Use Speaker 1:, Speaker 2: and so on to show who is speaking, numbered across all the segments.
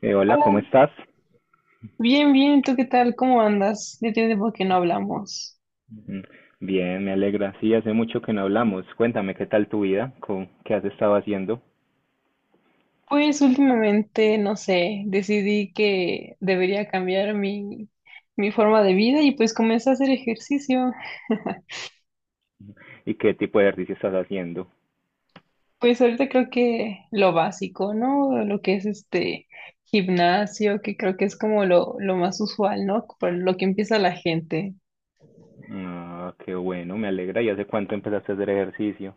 Speaker 1: Hola, ¿cómo
Speaker 2: Hola,
Speaker 1: estás?
Speaker 2: bien, bien, ¿tú qué tal? ¿Cómo andas? Ya tiene tiempo que no hablamos.
Speaker 1: Mm. Bien, me alegra. Sí, hace mucho que no hablamos. Cuéntame qué tal tu vida. ¿ Qué has estado haciendo
Speaker 2: Pues últimamente, no sé, decidí que debería cambiar mi forma de vida y pues comencé a hacer ejercicio.
Speaker 1: y qué tipo de ejercicio estás haciendo?
Speaker 2: Pues ahorita creo que lo básico, ¿no? Lo que es este gimnasio, que creo que es como lo más usual, ¿no? Por lo que empieza la gente.
Speaker 1: Ah, qué bueno, me alegra. ¿Y hace cuánto empezaste a hacer ejercicio?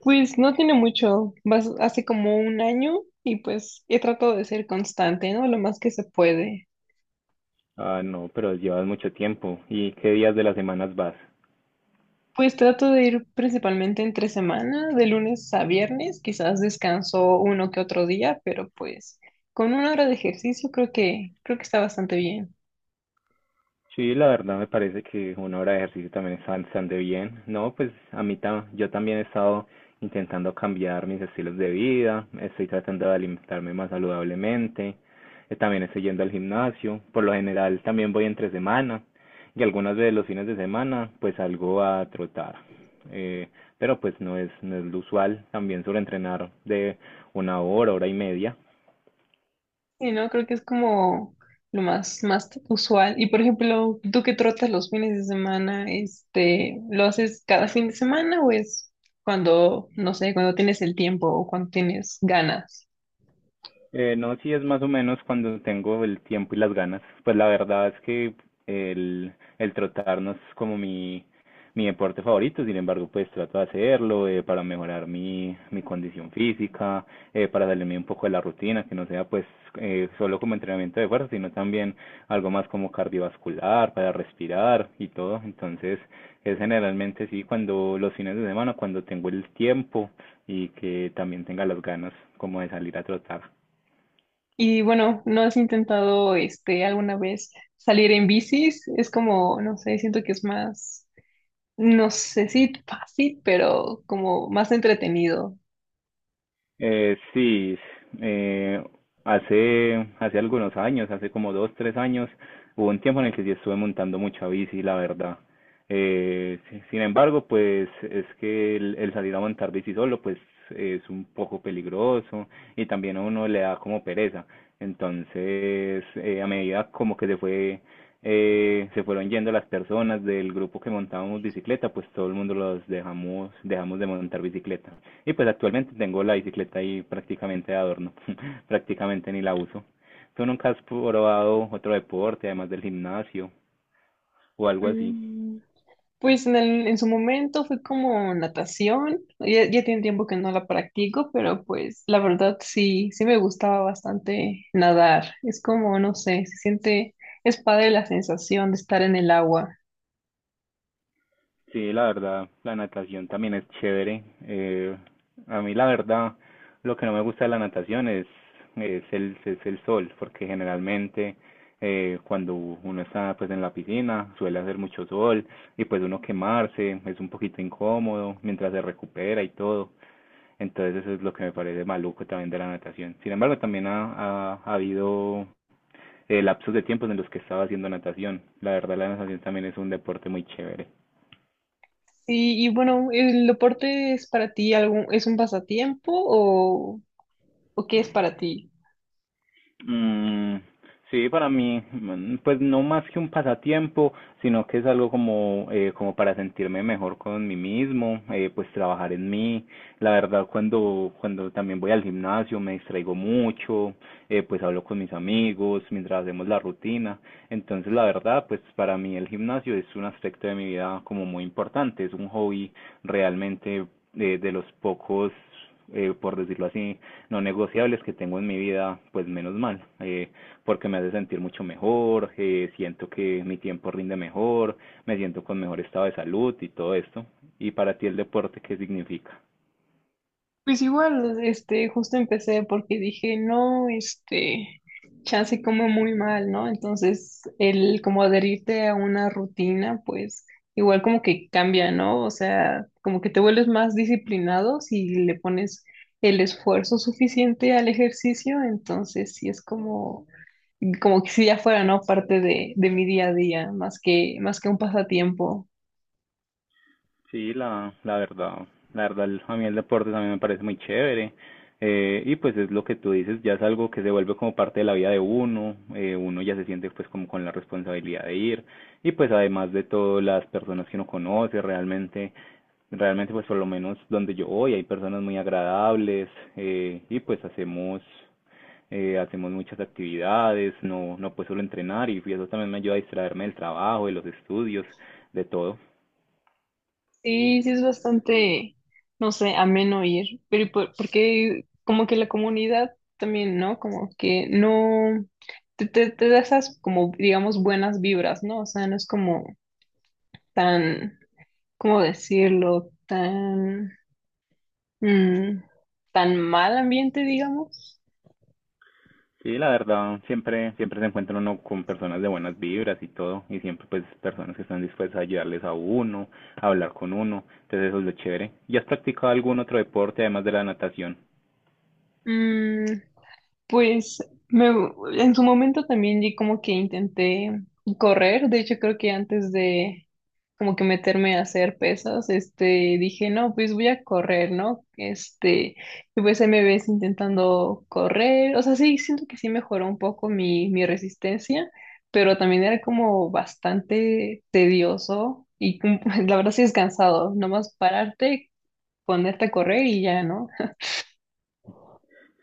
Speaker 2: Pues no tiene mucho, hace como un año y pues he tratado de ser constante, ¿no? Lo más que se puede.
Speaker 1: Ah, no, pero llevas mucho tiempo. ¿Y qué días de las semanas vas?
Speaker 2: Pues trato de ir principalmente entre semana, de lunes a viernes, quizás descanso uno que otro día, pero pues con una hora de ejercicio creo que está bastante bien.
Speaker 1: Sí, la verdad me parece que 1 hora de ejercicio también está bastante bien. No, pues a mí yo también he estado intentando cambiar mis estilos de vida, estoy tratando de alimentarme más saludablemente. También estoy yendo al gimnasio, por lo general también voy entre semana y algunas veces los fines de semana pues salgo a trotar. Eh, pero pues no es lo usual, también suelo entrenar de 1 hora, hora y media.
Speaker 2: Y no, creo que es como lo más más usual. Y por ejemplo, tú que trotas los fines de semana, este, ¿lo haces cada fin de semana o es cuando, no sé, cuando tienes el tiempo o cuando tienes ganas?
Speaker 1: No, sí es más o menos cuando tengo el tiempo y las ganas. Pues la verdad es que el, el trotar no es como mi deporte favorito, sin embargo, pues trato de hacerlo para mejorar mi condición física, para salirme un poco de la rutina, que no sea pues solo como entrenamiento de fuerza, sino también algo más como cardiovascular, para respirar y todo. Entonces, es generalmente sí cuando los fines de semana, cuando tengo el tiempo y que también tenga las ganas como de salir a trotar.
Speaker 2: Y bueno, ¿no has intentado este alguna vez salir en bicis? Es como, no sé, siento que es más, no sé si fácil, pero como más entretenido.
Speaker 1: Sí, eh, hace algunos años, hace como 2, 3 años, hubo un tiempo en el que sí estuve montando mucha bici, la verdad. Sin embargo, pues es que el salir a montar bici solo, pues es un poco peligroso y también a uno le da como pereza. Entonces, a medida como que se fueron yendo las personas del grupo que montábamos bicicleta, pues todo el mundo los dejamos, de montar bicicleta. Y pues actualmente tengo la bicicleta ahí prácticamente de adorno, prácticamente ni la uso. ¿Tú nunca has probado otro deporte, además del gimnasio o algo así?
Speaker 2: Mm. Pues en en su momento fue como natación. Ya, ya tiene tiempo que no la practico, pero pues la verdad sí, sí me gustaba bastante nadar. Es como, no sé, se siente, es padre la sensación de estar en el agua.
Speaker 1: Sí, la verdad, la natación también es chévere. A mí la verdad, lo que no me gusta de la natación es el sol, porque generalmente cuando uno está pues en la piscina suele hacer mucho sol y pues uno quemarse, es un poquito incómodo mientras se recupera y todo. Entonces eso es lo que me parece maluco también de la natación. Sin embargo, también ha habido lapsos de tiempos en los que estaba haciendo natación. La verdad, la natación también es un deporte muy chévere.
Speaker 2: Sí, y bueno, ¿el deporte es para ti algún, es un pasatiempo o qué es para ti?
Speaker 1: Mm, sí, para mí, pues no más que un pasatiempo, sino que es algo como para sentirme mejor con mí mismo, pues trabajar en mí. La verdad, cuando también voy al gimnasio me distraigo mucho. Pues hablo con mis amigos mientras hacemos la rutina. Entonces, la verdad, pues para mí el gimnasio es un aspecto de mi vida como muy importante, es un hobby realmente, de los pocos, por decirlo así, no negociables que tengo en mi vida, pues menos mal, porque me hace sentir mucho mejor, siento que mi tiempo rinde mejor, me siento con mejor estado de salud y todo esto. ¿Y para ti el deporte qué significa?
Speaker 2: Pues igual, este, justo empecé porque dije, no, este, chance como muy mal, ¿no? Entonces, el como adherirte a una rutina, pues igual como que cambia, ¿no? O sea, como que te vuelves más disciplinado si le pones el esfuerzo suficiente al ejercicio, entonces sí es como que si ya fuera, ¿no? Parte de mi día a día, más que un pasatiempo.
Speaker 1: Sí, la verdad, a mí el deporte también me parece muy chévere. Y pues es lo que tú dices, ya es algo que se vuelve como parte de la vida de uno, uno ya se siente pues como con la responsabilidad de ir y pues además de todo las personas que uno conoce realmente. Pues por lo menos donde yo voy hay personas muy agradables, y pues hacemos hacemos muchas actividades, no no pues solo entrenar y eso también me ayuda a distraerme del trabajo, de los estudios, de todo.
Speaker 2: Sí, sí es bastante, no sé, ameno ir, pero y porque como que la comunidad también, ¿no? Como que no, te da esas como, digamos, buenas vibras, ¿no? O sea, no es como tan, ¿cómo decirlo? Tan, mm, tan mal ambiente, digamos.
Speaker 1: Sí, la verdad, siempre se encuentra uno con personas de buenas vibras y todo y siempre pues personas que están dispuestas a ayudarles a uno, a hablar con uno, entonces eso es lo chévere. ¿Y has practicado algún otro deporte además de la natación?
Speaker 2: Mm. Pues me, en su momento también di como que intenté correr, de hecho creo que antes de como que meterme a hacer pesas, este, dije, no, pues voy a correr, ¿no? Este, y pues ahí me ves intentando correr, o sea, sí, siento que sí mejoró un poco mi resistencia, pero también era como bastante tedioso y la verdad sí es cansado, nomás pararte, ponerte a correr y ya, ¿no?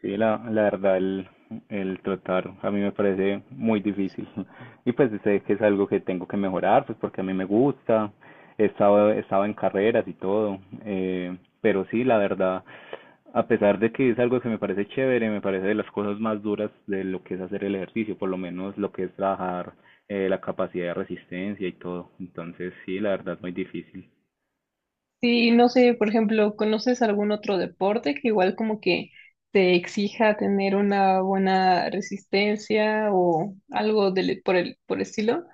Speaker 1: Sí, la verdad, el trotar a mí me parece muy difícil. Y pues sé que es algo que tengo que mejorar, pues porque a mí me gusta. He estado en carreras y todo. Eh, pero sí, la verdad, a pesar de que es algo que me parece chévere, me parece de las cosas más duras de lo que es hacer el ejercicio, por lo menos lo que es trabajar la capacidad de resistencia y todo. Entonces, sí, la verdad, muy difícil.
Speaker 2: Sí, no sé, por ejemplo, ¿conoces algún otro deporte que igual como que te exija tener una buena resistencia o algo del, por el estilo?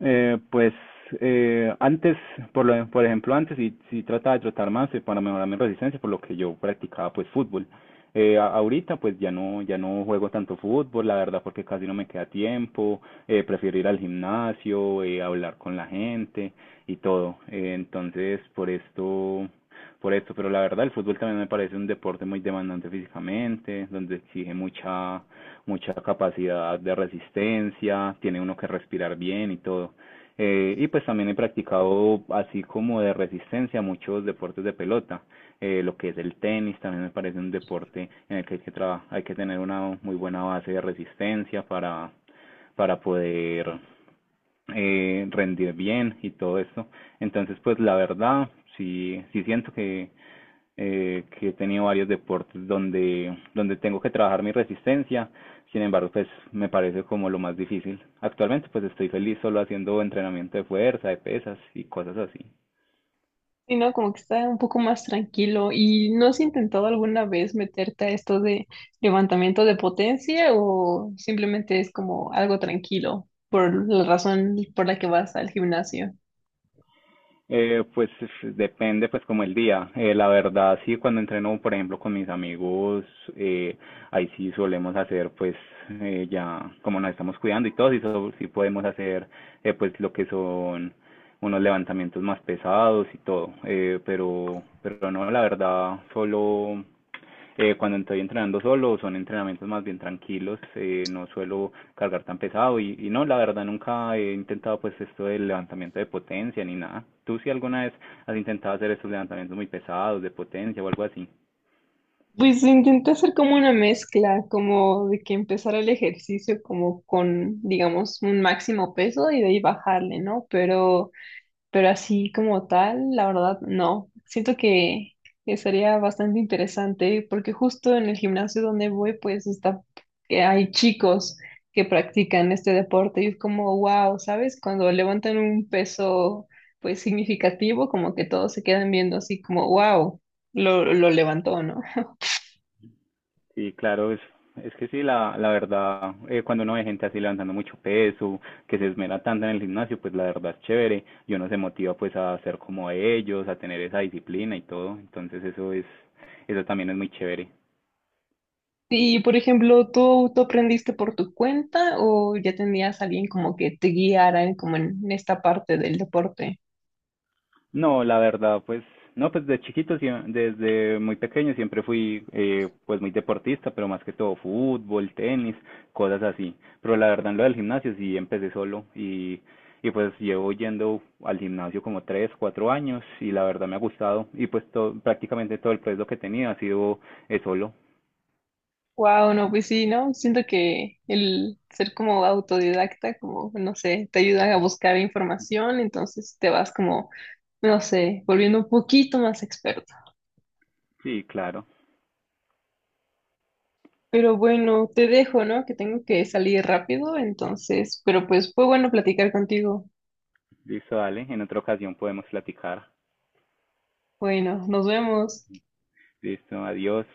Speaker 1: Pues antes, por ejemplo, antes sí trataba de trotar más, para mejorar mi resistencia, por lo que yo practicaba pues fútbol. Ahorita pues ya no, juego tanto fútbol, la verdad, porque casi no me queda tiempo, prefiero ir al gimnasio, hablar con la gente y todo. Entonces, por esto, pero la verdad el fútbol también me parece un deporte muy demandante físicamente, donde exige mucha capacidad de resistencia, tiene uno que respirar bien y todo. Y pues también he practicado, así como de resistencia, muchos deportes de pelota. Lo que es el tenis también me parece un deporte en el que hay que tener una muy buena base de resistencia para, poder rendir bien y todo esto. Entonces, pues la verdad, sí, sí siento que he tenido varios deportes donde tengo que trabajar mi resistencia, sin embargo, pues me parece como lo más difícil. Actualmente, pues estoy feliz solo haciendo entrenamiento de fuerza, de pesas y cosas así.
Speaker 2: Y no, como que está un poco más tranquilo. ¿Y no has intentado alguna vez meterte a esto de levantamiento de potencia o simplemente es como algo tranquilo por la razón por la que vas al gimnasio?
Speaker 1: Pues depende pues como el día. La verdad sí, cuando entreno por ejemplo con mis amigos, eh, ahí sí solemos hacer pues ya como nos estamos cuidando y todo, sí, sí podemos hacer pues lo que son unos levantamientos más pesados y todo. Pero no, la verdad solo cuando estoy entrenando solo son entrenamientos más bien tranquilos, no suelo cargar tan pesado y no, la verdad nunca he intentado pues esto del levantamiento de potencia ni nada. ¿Tú si alguna vez has intentado hacer estos levantamientos muy pesados de potencia o algo así?
Speaker 2: Pues intenté hacer como una mezcla, como de que empezara el ejercicio como con, digamos, un máximo peso y de ahí bajarle, ¿no? Pero así como tal, la verdad, no. Siento que sería bastante interesante porque justo en el gimnasio donde voy, pues está, que hay chicos que practican este deporte y es como, wow, ¿sabes? Cuando levantan un peso, pues significativo, como que todos se quedan viendo así como, wow, lo levantó, ¿no?
Speaker 1: Sí, claro, es que sí, la verdad, cuando uno ve gente así levantando mucho peso, que se esmera tanto en el gimnasio, pues la verdad es chévere y uno se motiva pues a ser como ellos, a tener esa disciplina y todo, entonces eso también es muy chévere.
Speaker 2: Y por ejemplo, ¿tú aprendiste por tu cuenta o ya tenías a alguien como que te guiara como en esta parte del deporte?
Speaker 1: No, la verdad, pues, no, pues de chiquito, desde muy pequeño siempre fui, pues muy deportista, pero más que todo fútbol, tenis, cosas así. Pero la verdad, en lo del gimnasio sí empecé solo y pues llevo yendo al gimnasio como 3, 4 años y la verdad me ha gustado y pues todo, prácticamente todo el proyecto que tenía ha sido solo.
Speaker 2: Wow, no, pues sí, ¿no? Siento que el ser como autodidacta, como, no sé, te ayuda a buscar información, entonces te vas como, no sé, volviendo un poquito más experto.
Speaker 1: Sí, claro.
Speaker 2: Pero bueno, te dejo, ¿no? Que tengo que salir rápido, entonces, pero pues fue bueno platicar contigo.
Speaker 1: Listo, dale, en otra ocasión podemos platicar.
Speaker 2: Bueno, nos vemos.
Speaker 1: Listo, adiós.